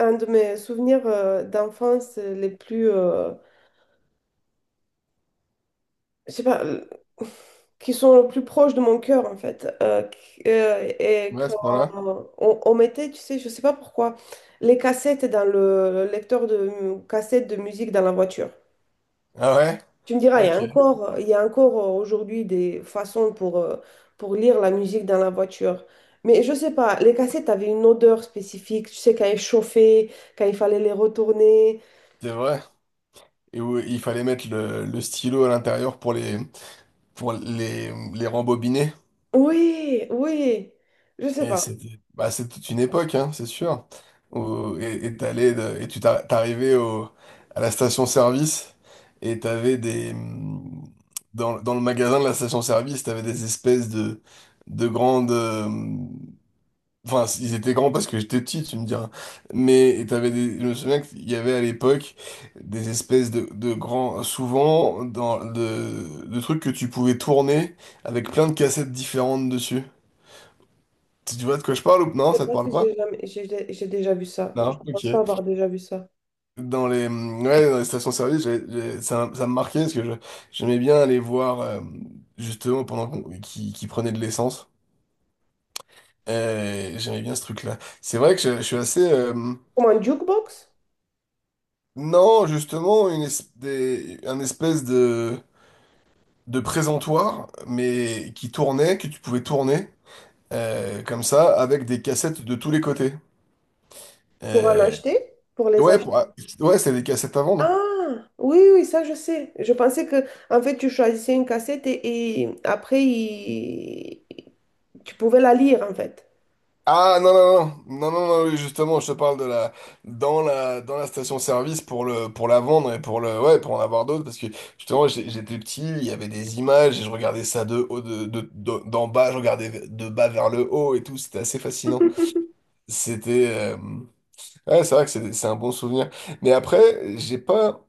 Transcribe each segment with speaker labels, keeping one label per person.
Speaker 1: Un de mes souvenirs d'enfance les plus, je sais pas, Qui sont les plus proches de mon cœur en fait. Euh, qui- euh, et
Speaker 2: Ouais, à ce
Speaker 1: quand
Speaker 2: point-là.
Speaker 1: on mettait, tu sais, je sais pas pourquoi, les cassettes dans le lecteur de cassettes de musique dans la voiture.
Speaker 2: Ah ouais?
Speaker 1: Tu me diras, il y
Speaker 2: Ok,
Speaker 1: a encore, il y a encore aujourd'hui des façons pour lire la musique dans la voiture. Mais je sais pas, les cassettes avaient une odeur spécifique. Tu sais, quand elles chauffaient, quand il fallait les retourner.
Speaker 2: c'est vrai. Et où il fallait mettre le stylo à l'intérieur pour les rembobiner.
Speaker 1: Oui, oui. Je sais
Speaker 2: Et
Speaker 1: pas.
Speaker 2: c'était bah, c'est toute une époque, hein, c'est sûr. Et t'arrivais au, à la station-service et dans le magasin de la station-service, t'avais des espèces de grandes... Enfin, ils étaient grands parce que j'étais petit, tu me diras. Mais et t'avais des... je me souviens qu'il y avait à l'époque des espèces de grands, souvent, dans, de trucs que tu pouvais tourner avec plein de cassettes différentes dessus. Tu vois de quoi je parle ou non?
Speaker 1: Je sais
Speaker 2: Ça te
Speaker 1: pas si
Speaker 2: parle pas?
Speaker 1: j'ai jamais... j'ai déjà vu ça. Je
Speaker 2: Non?
Speaker 1: pense pas
Speaker 2: Ok.
Speaker 1: avoir déjà vu ça.
Speaker 2: Dans les, mmh, ouais, dans les stations-service, ça, ça me marquait parce que j'aimais bien aller voir, justement, pendant qu'ils prenaient de l'essence. J'aimais bien ce truc-là. C'est vrai que je suis assez.
Speaker 1: Comme un jukebox
Speaker 2: Non, justement, un espèce de présentoir, mais qui tournait, que tu pouvais tourner, comme ça, avec des cassettes de tous les côtés.
Speaker 1: pour en
Speaker 2: Euh,
Speaker 1: acheter, pour les
Speaker 2: ouais,
Speaker 1: acheter.
Speaker 2: pour- ah, ouais, c'est des cassettes à vendre.
Speaker 1: Ah, oui, oui, ça je sais. Je pensais que en fait tu choisissais une cassette et après tu pouvais la lire en fait.
Speaker 2: Ah non, non, non, non, non, non, oui, justement, je te parle de la, dans la station-service pour le, pour la vendre et pour le, ouais, pour en avoir d'autres, parce que justement, j'étais petit, il y avait des images et je regardais ça de haut, de, d'en bas, je regardais de bas vers le haut et tout, c'était assez fascinant. C'était. Ouais, c'est vrai que c'est un bon souvenir. Mais après,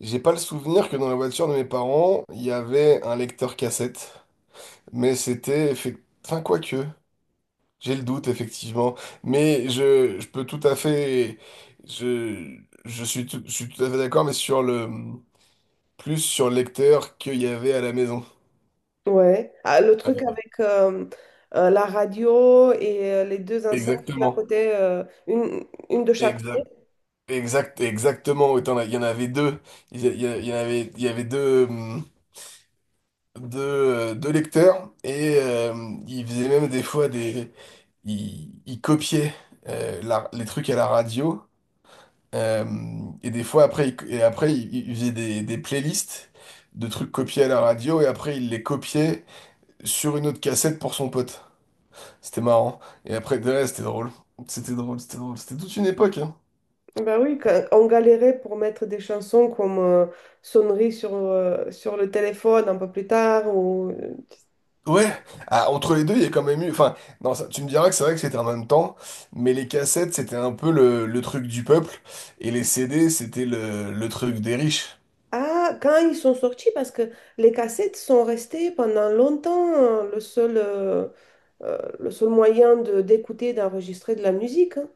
Speaker 2: j'ai pas le souvenir que dans la voiture de mes parents, il y avait un lecteur cassette. Enfin, quoique. J'ai le doute, effectivement. Mais je peux tout à fait. Je, je suis tout à fait d'accord, mais sur le. Plus sur le lecteur qu'il y avait à la maison.
Speaker 1: Ouais. Ah, le truc
Speaker 2: Ouais,
Speaker 1: avec la radio et les deux enceintes, une à
Speaker 2: exactement.
Speaker 1: côté, une de chaque.
Speaker 2: Exact, exact, exactement. Autant, là, il y en avait deux. Il y, a- il y a- il y en avait, il y avait deux. De lecteurs et il faisait même des fois des... il copiait les trucs à la radio, euh, et des fois après, il, et après il faisait des playlists de trucs copiés à la radio et après il les copiait sur une autre cassette pour son pote. C'était marrant. Et après, ouais, c'était drôle. C'était drôle, c'était drôle. C'était toute une époque, hein.
Speaker 1: Bah oui, quand on galérait pour mettre des chansons comme sonnerie sur le téléphone un peu plus tard.
Speaker 2: Ouais, ah, entre les deux, il y a quand même eu. Enfin, non, tu me diras que c'est vrai que c'était en même temps, mais les cassettes, c'était un peu le truc du peuple, et les CD, c'était le truc des riches.
Speaker 1: Ah, quand ils sont sortis, parce que les cassettes sont restées pendant longtemps le seul, le seul moyen d'écouter, d'enregistrer de la musique, hein.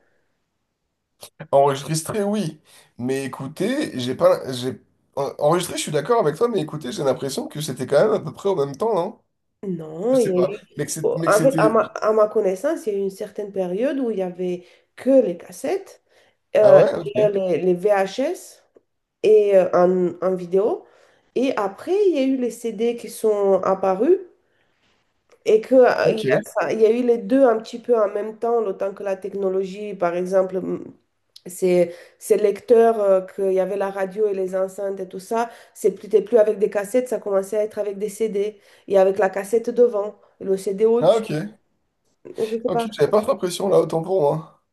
Speaker 2: Enregistrer, oui, mais écouter, j'ai pas. J'ai... Enregistrer, je suis d'accord avec toi, mais écouter, j'ai l'impression que c'était quand même à peu près au même temps, non?
Speaker 1: Non,
Speaker 2: Je
Speaker 1: il
Speaker 2: sais
Speaker 1: y a
Speaker 2: pas,
Speaker 1: eu...
Speaker 2: mais
Speaker 1: oh,
Speaker 2: mais que
Speaker 1: En fait,
Speaker 2: c'était.
Speaker 1: à ma connaissance, il y a eu une certaine période où il y avait que les cassettes,
Speaker 2: Ah ouais,
Speaker 1: et
Speaker 2: ok,
Speaker 1: les VHS. Et en vidéo. Et après, il y a eu les CD qui sont apparus et que, il y
Speaker 2: ok,
Speaker 1: a, il y a eu les deux un petit peu en même temps, le temps que la technologie, par exemple, ces, ces lecteurs, qu'il y avait la radio et les enceintes et tout ça, c'était plus avec des cassettes, ça commençait à être avec des CD et avec la cassette devant, le CD
Speaker 2: ah
Speaker 1: au-dessus,
Speaker 2: ok,
Speaker 1: je sais
Speaker 2: ok,
Speaker 1: pas.
Speaker 2: j'avais pas trop l'impression là, autant pour moi.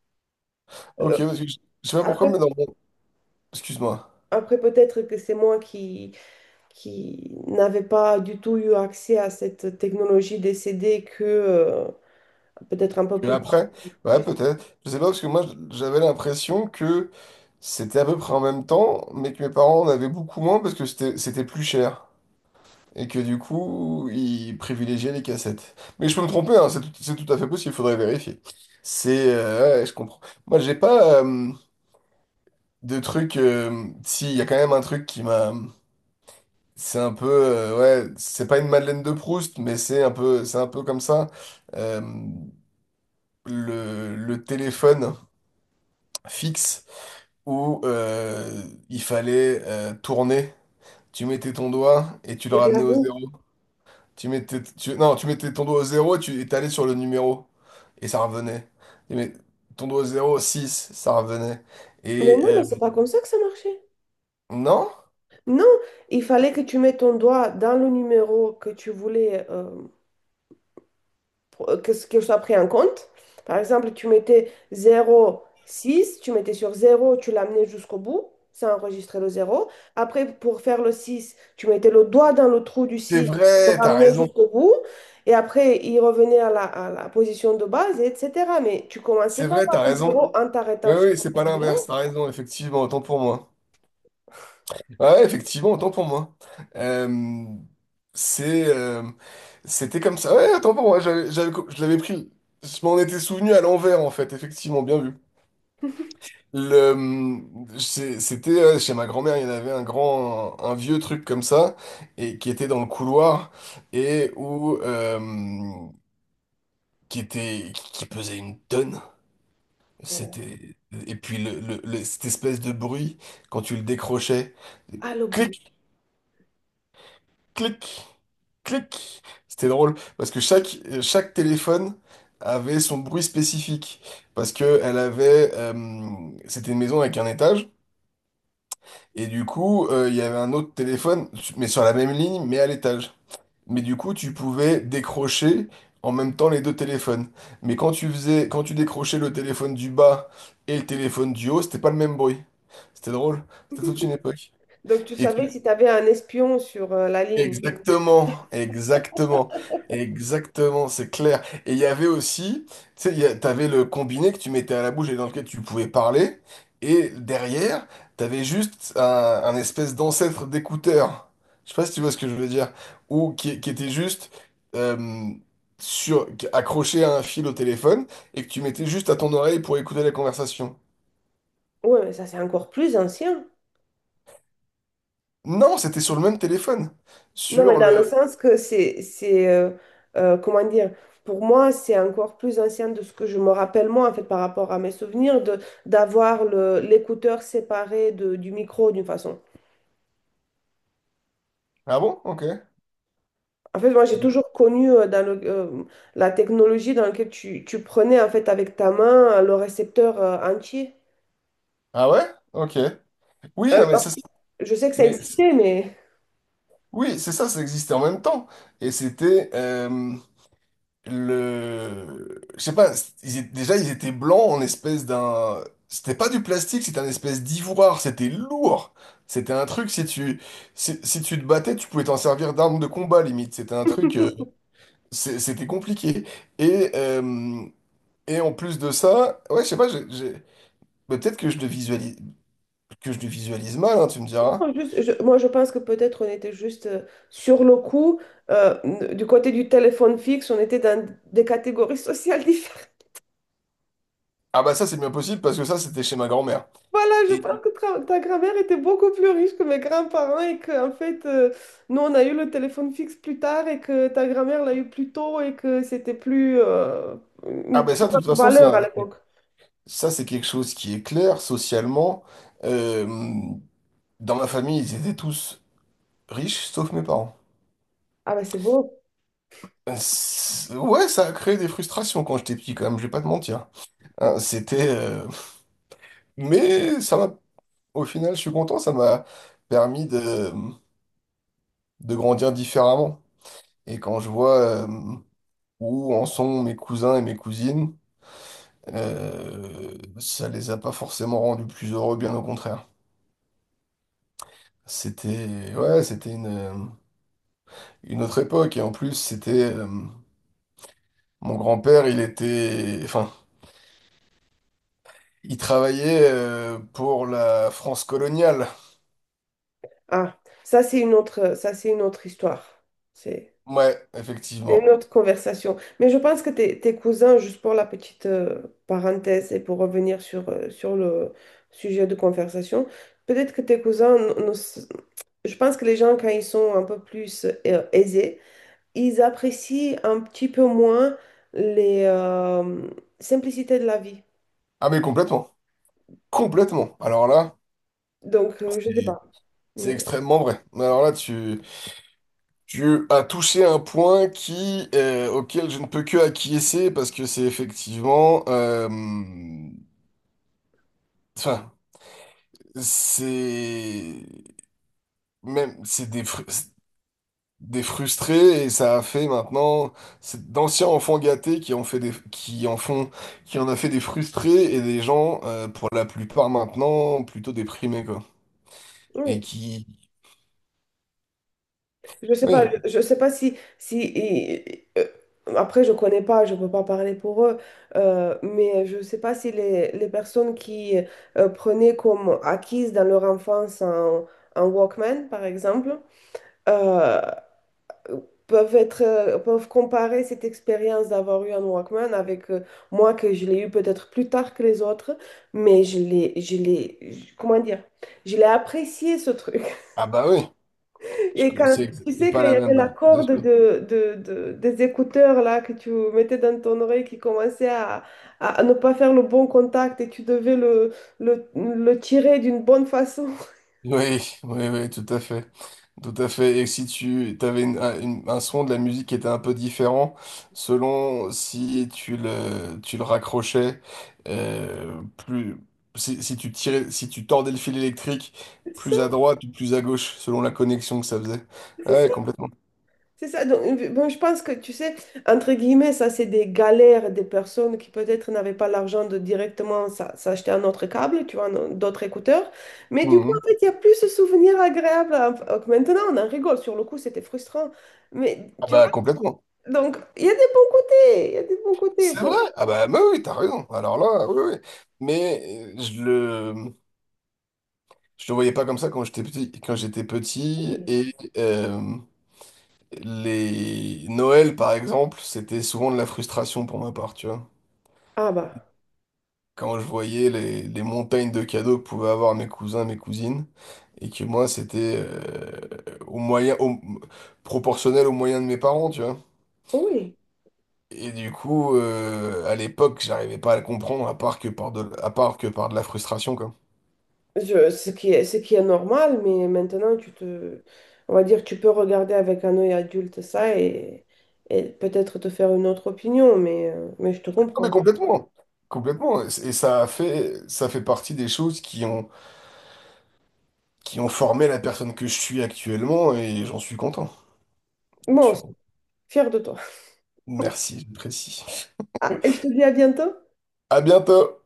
Speaker 2: Ok,
Speaker 1: Euh,
Speaker 2: parce que je sais pas pourquoi,
Speaker 1: après,
Speaker 2: mais dans mon. Excuse-moi.
Speaker 1: après peut-être que c'est moi qui n'avaient pas du tout eu accès à cette technologie des CD que peut-être un peu
Speaker 2: Et
Speaker 1: plus tard,
Speaker 2: après, ouais,
Speaker 1: juste
Speaker 2: peut-être. Je sais pas, parce que moi, j'avais l'impression que c'était à peu près en même temps, mais que mes parents en avaient beaucoup moins parce que c'était plus cher. Et que du coup, ils privilégiaient les cassettes. Mais je peux me tromper, hein, c'est tout à fait possible, il faudrait vérifier. Ouais, ouais, je comprends. Moi, j'ai pas de truc... si, il y a quand même un truc qui m'a... C'est un peu... euh, ouais, c'est pas une Madeleine de Proust, mais c'est un peu comme ça. Euh, le téléphone fixe. Où il fallait tourner. Tu mettais ton doigt et tu le
Speaker 1: avec la
Speaker 2: ramenais au
Speaker 1: roue.
Speaker 2: zéro. Non, tu mettais ton doigt au zéro et tu et t'allais sur le numéro. Et ça revenait. Tu mets ton doigt au zéro, 6, ça revenait.
Speaker 1: Mais
Speaker 2: Et
Speaker 1: non, mais
Speaker 2: euh,
Speaker 1: c'est pas comme ça que ça marchait.
Speaker 2: non,
Speaker 1: Non, il fallait que tu mettes ton doigt dans le numéro que tu voulais que soit pris en compte. Par exemple, tu mettais zéro virgule six, tu mettais sur zéro, tu l'amenais jusqu'au bout, ça enregistrait le zéro. Après, pour faire le 6, tu mettais le doigt dans le trou du
Speaker 2: c'est
Speaker 1: six, tu le
Speaker 2: vrai, t'as
Speaker 1: ramenais
Speaker 2: raison.
Speaker 1: jusqu'au bout, et après, il revenait à la position de base, et etc. Mais tu commençais
Speaker 2: C'est
Speaker 1: pas
Speaker 2: vrai,
Speaker 1: par
Speaker 2: t'as
Speaker 1: le
Speaker 2: raison.
Speaker 1: 0 en
Speaker 2: Oui,
Speaker 1: t'arrêtant sur
Speaker 2: oui, c'est pas
Speaker 1: le
Speaker 2: l'inverse,
Speaker 1: numéro.
Speaker 2: t'as raison, effectivement, autant pour moi. Ah ouais, effectivement, autant pour moi. Euh, c'est, euh, c'était comme ça. Ouais, autant pour moi. J'avais, je l'avais pris. Je m'en étais souvenu à l'envers, en fait. Effectivement, bien vu. Le, c'était chez ma grand-mère, il y en avait un grand, un, vieux truc comme ça, et qui était dans le couloir, et où, euh, qui était, qui pesait une tonne.
Speaker 1: Et...
Speaker 2: C'était, et puis cette espèce de bruit quand tu le décrochais.
Speaker 1: Ah, le bruit.
Speaker 2: Clic, clic, clic. C'était drôle parce que chaque, chaque téléphone avait son bruit spécifique parce que elle avait c'était une maison avec un étage et du coup il y avait un autre téléphone mais sur la même ligne mais à l'étage. Mais du coup tu pouvais décrocher en même temps les deux téléphones. Mais quand tu décrochais le téléphone du bas et le téléphone du haut, c'était pas le même bruit. C'était drôle, c'était toute une époque.
Speaker 1: Donc, tu
Speaker 2: Et
Speaker 1: savais
Speaker 2: tu
Speaker 1: si tu avais un espion sur la ligne.
Speaker 2: exactement, exactement, exactement, c'est clair. Et il y avait aussi, tu sais, t'avais le combiné que tu mettais à la bouche et dans lequel tu pouvais parler, et derrière, t'avais juste un espèce d'ancêtre d'écouteur. Je sais pas si tu vois ce que je veux dire, ou qui était juste euh, sur, accroché à un fil au téléphone et que tu mettais juste à ton oreille pour écouter la conversation.
Speaker 1: Ouais, mais ça, c'est encore plus ancien.
Speaker 2: Non, c'était sur le même téléphone,
Speaker 1: Non, mais
Speaker 2: sur
Speaker 1: dans le
Speaker 2: le.
Speaker 1: sens que c'est, comment dire, pour moi, c'est encore plus ancien de ce que je me rappelle moi, en fait, par rapport à mes souvenirs, de d'avoir le, l'écouteur séparé de, du micro, d'une façon.
Speaker 2: Ah bon? Ok.
Speaker 1: En fait, moi, j'ai toujours connu la technologie dans laquelle tu, tu prenais, en fait, avec ta main, le récepteur entier.
Speaker 2: Ah ouais? Ok. Oui,
Speaker 1: Euh,
Speaker 2: non, mais ça.
Speaker 1: je sais que ça
Speaker 2: Mais c-
Speaker 1: existait, mais...
Speaker 2: oui, c'est ça, ça existait en même temps. Et c'était le... Je sais pas, déjà ils étaient blancs en espèce d'un... C'était pas du plastique, c'était un espèce d'ivoire, c'était lourd. C'était un truc, si tu, si, si tu te battais, tu pouvais t'en servir d'arme de combat, limite. C'était un truc, c'est- c'était compliqué. Et, euh, et en plus de ça, ouais, je sais pas, mais peut-être que je le visualise, que je le visualise mal, hein, tu me diras.
Speaker 1: Non, moi, je pense que peut-être on était juste sur le coup. euh, du côté du téléphone fixe, on était dans des catégories sociales différentes.
Speaker 2: Ah bah ça, c'est bien possible, parce que ça, c'était chez ma grand-mère.
Speaker 1: Voilà, je pense
Speaker 2: Et
Speaker 1: que ta grand-mère était beaucoup plus riche que mes grands-parents et qu'en fait, nous, on a eu le téléphone fixe plus tard et que ta grand-mère l'a eu plus tôt et que c'était
Speaker 2: ah
Speaker 1: une
Speaker 2: ben
Speaker 1: plus
Speaker 2: ça, de toute
Speaker 1: grande
Speaker 2: façon,
Speaker 1: valeur à
Speaker 2: ça,
Speaker 1: l'époque.
Speaker 2: ça c'est quelque chose qui est clair socialement. Euh, Dans ma famille, ils étaient tous riches, sauf mes parents.
Speaker 1: Ah, ben c'est beau.
Speaker 2: Ouais, ça a créé des frustrations quand j'étais petit, quand même, je vais pas te mentir. Hein, c'était... euh, Mais ça m'a... Au final, je suis content, ça m'a permis de grandir différemment. Et quand je vois où en sont mes cousins et mes cousines, ça les a pas forcément rendus plus heureux, bien au contraire. Ouais, c'était une autre époque. Et en plus, c'était mon grand-père, il était, enfin, il travaillait pour la France coloniale.
Speaker 1: Ah, ça c'est une autre, ça c'est une autre histoire. C'est
Speaker 2: Ouais,
Speaker 1: une
Speaker 2: effectivement.
Speaker 1: autre conversation. Mais je pense que tes, tes cousins, juste pour la petite parenthèse et pour revenir sur le sujet de conversation, peut-être que tes cousins, n- ne s- je pense que les gens, quand ils sont un peu plus aisés, ils apprécient un petit peu moins les simplicités de la vie.
Speaker 2: Ah mais complètement, complètement. Alors là,
Speaker 1: Donc, je ne sais
Speaker 2: c'est
Speaker 1: pas.
Speaker 2: c'est
Speaker 1: Mais
Speaker 2: extrêmement vrai. Alors là, tu as touché un point qui, auquel je ne peux que acquiescer parce que c'est effectivement, enfin, c'est même, des frustrés et ça a fait maintenant c'est d'anciens enfants gâtés qui en font qui en a fait des frustrés et des gens pour la plupart maintenant plutôt déprimés quoi et
Speaker 1: oui,
Speaker 2: qui oui
Speaker 1: je sais pas si, après je connais pas, je peux pas parler pour eux, mais je sais pas si les, les personnes qui prenaient comme acquise dans leur enfance un Walkman, par exemple, euh, peuvent être, peuvent comparer cette expérience d'avoir eu un Walkman avec moi que je l'ai eu peut-être plus tard que les autres, mais je l'ai, comment dire, je l'ai apprécié ce truc.
Speaker 2: ah bah oui
Speaker 1: Et
Speaker 2: Je-
Speaker 1: quand,
Speaker 2: c'est
Speaker 1: tu
Speaker 2: c'est
Speaker 1: sais, quand
Speaker 2: pas
Speaker 1: il
Speaker 2: la
Speaker 1: y avait la
Speaker 2: même bien
Speaker 1: corde
Speaker 2: sûr.
Speaker 1: de, des écouteurs là que tu mettais dans ton oreille qui commençait à, à ne pas faire le bon contact et tu devais le tirer d'une bonne façon.
Speaker 2: Oui, oui, oui, tout à fait. Tout à fait. Et si tu avais un son de la musique qui était un peu différent, selon si tu le, tu le raccrochais, plus, si, si tu tirais, si tu tordais le fil électrique
Speaker 1: C'est ça,
Speaker 2: plus à droite ou plus à gauche, selon la connexion que ça faisait. Ah
Speaker 1: c'est
Speaker 2: ouais,
Speaker 1: ça.
Speaker 2: complètement.
Speaker 1: C'est ça. Donc, bon, je pense que, tu sais, entre guillemets, ça, c'est des galères des personnes qui peut-être n'avaient pas l'argent de directement s'acheter un autre câble, tu vois, d'autres écouteurs. Mais du coup,
Speaker 2: Mhm.
Speaker 1: en fait, il y a plus ce souvenir agréable. À- que Maintenant, on en rigole. Sur le coup, c'était frustrant. Mais,
Speaker 2: Ah
Speaker 1: tu vois,
Speaker 2: bah, complètement.
Speaker 1: donc, il y a des bons côtés. Il y a des bons côtés.
Speaker 2: C'est vrai.
Speaker 1: Faut-
Speaker 2: Ah bah, mais oui, t'as raison. Alors là, oui, oui. Mais euh, je le, je le voyais pas comme ça quand j'étais petit,
Speaker 1: Oui.
Speaker 2: les Noël, par exemple, c'était souvent de la frustration pour ma part, tu vois.
Speaker 1: Ah bah,
Speaker 2: Quand je voyais les montagnes de cadeaux que pouvaient avoir mes cousins, mes cousines, et que moi, c'était au moyen, au- proportionnel aux moyens de mes parents, tu vois.
Speaker 1: oui.
Speaker 2: Et du coup, à l'époque, j'arrivais pas à le comprendre, à part que par de, à part que par de la frustration, quoi.
Speaker 1: Ce qui est, ce qui est normal, mais maintenant, tu te, on va dire, tu peux regarder avec un œil adulte ça et peut-être te faire une autre opinion, mais je te
Speaker 2: Non, mais
Speaker 1: comprends.
Speaker 2: complètement, complètement. Et ça a fait, ça fait partie des choses qui ont formé la personne que je suis actuellement, et j'en suis content. J'en
Speaker 1: Bon,
Speaker 2: suis
Speaker 1: fier de toi.
Speaker 2: merci, je précise.
Speaker 1: Ah, et je te dis à bientôt.
Speaker 2: À bientôt!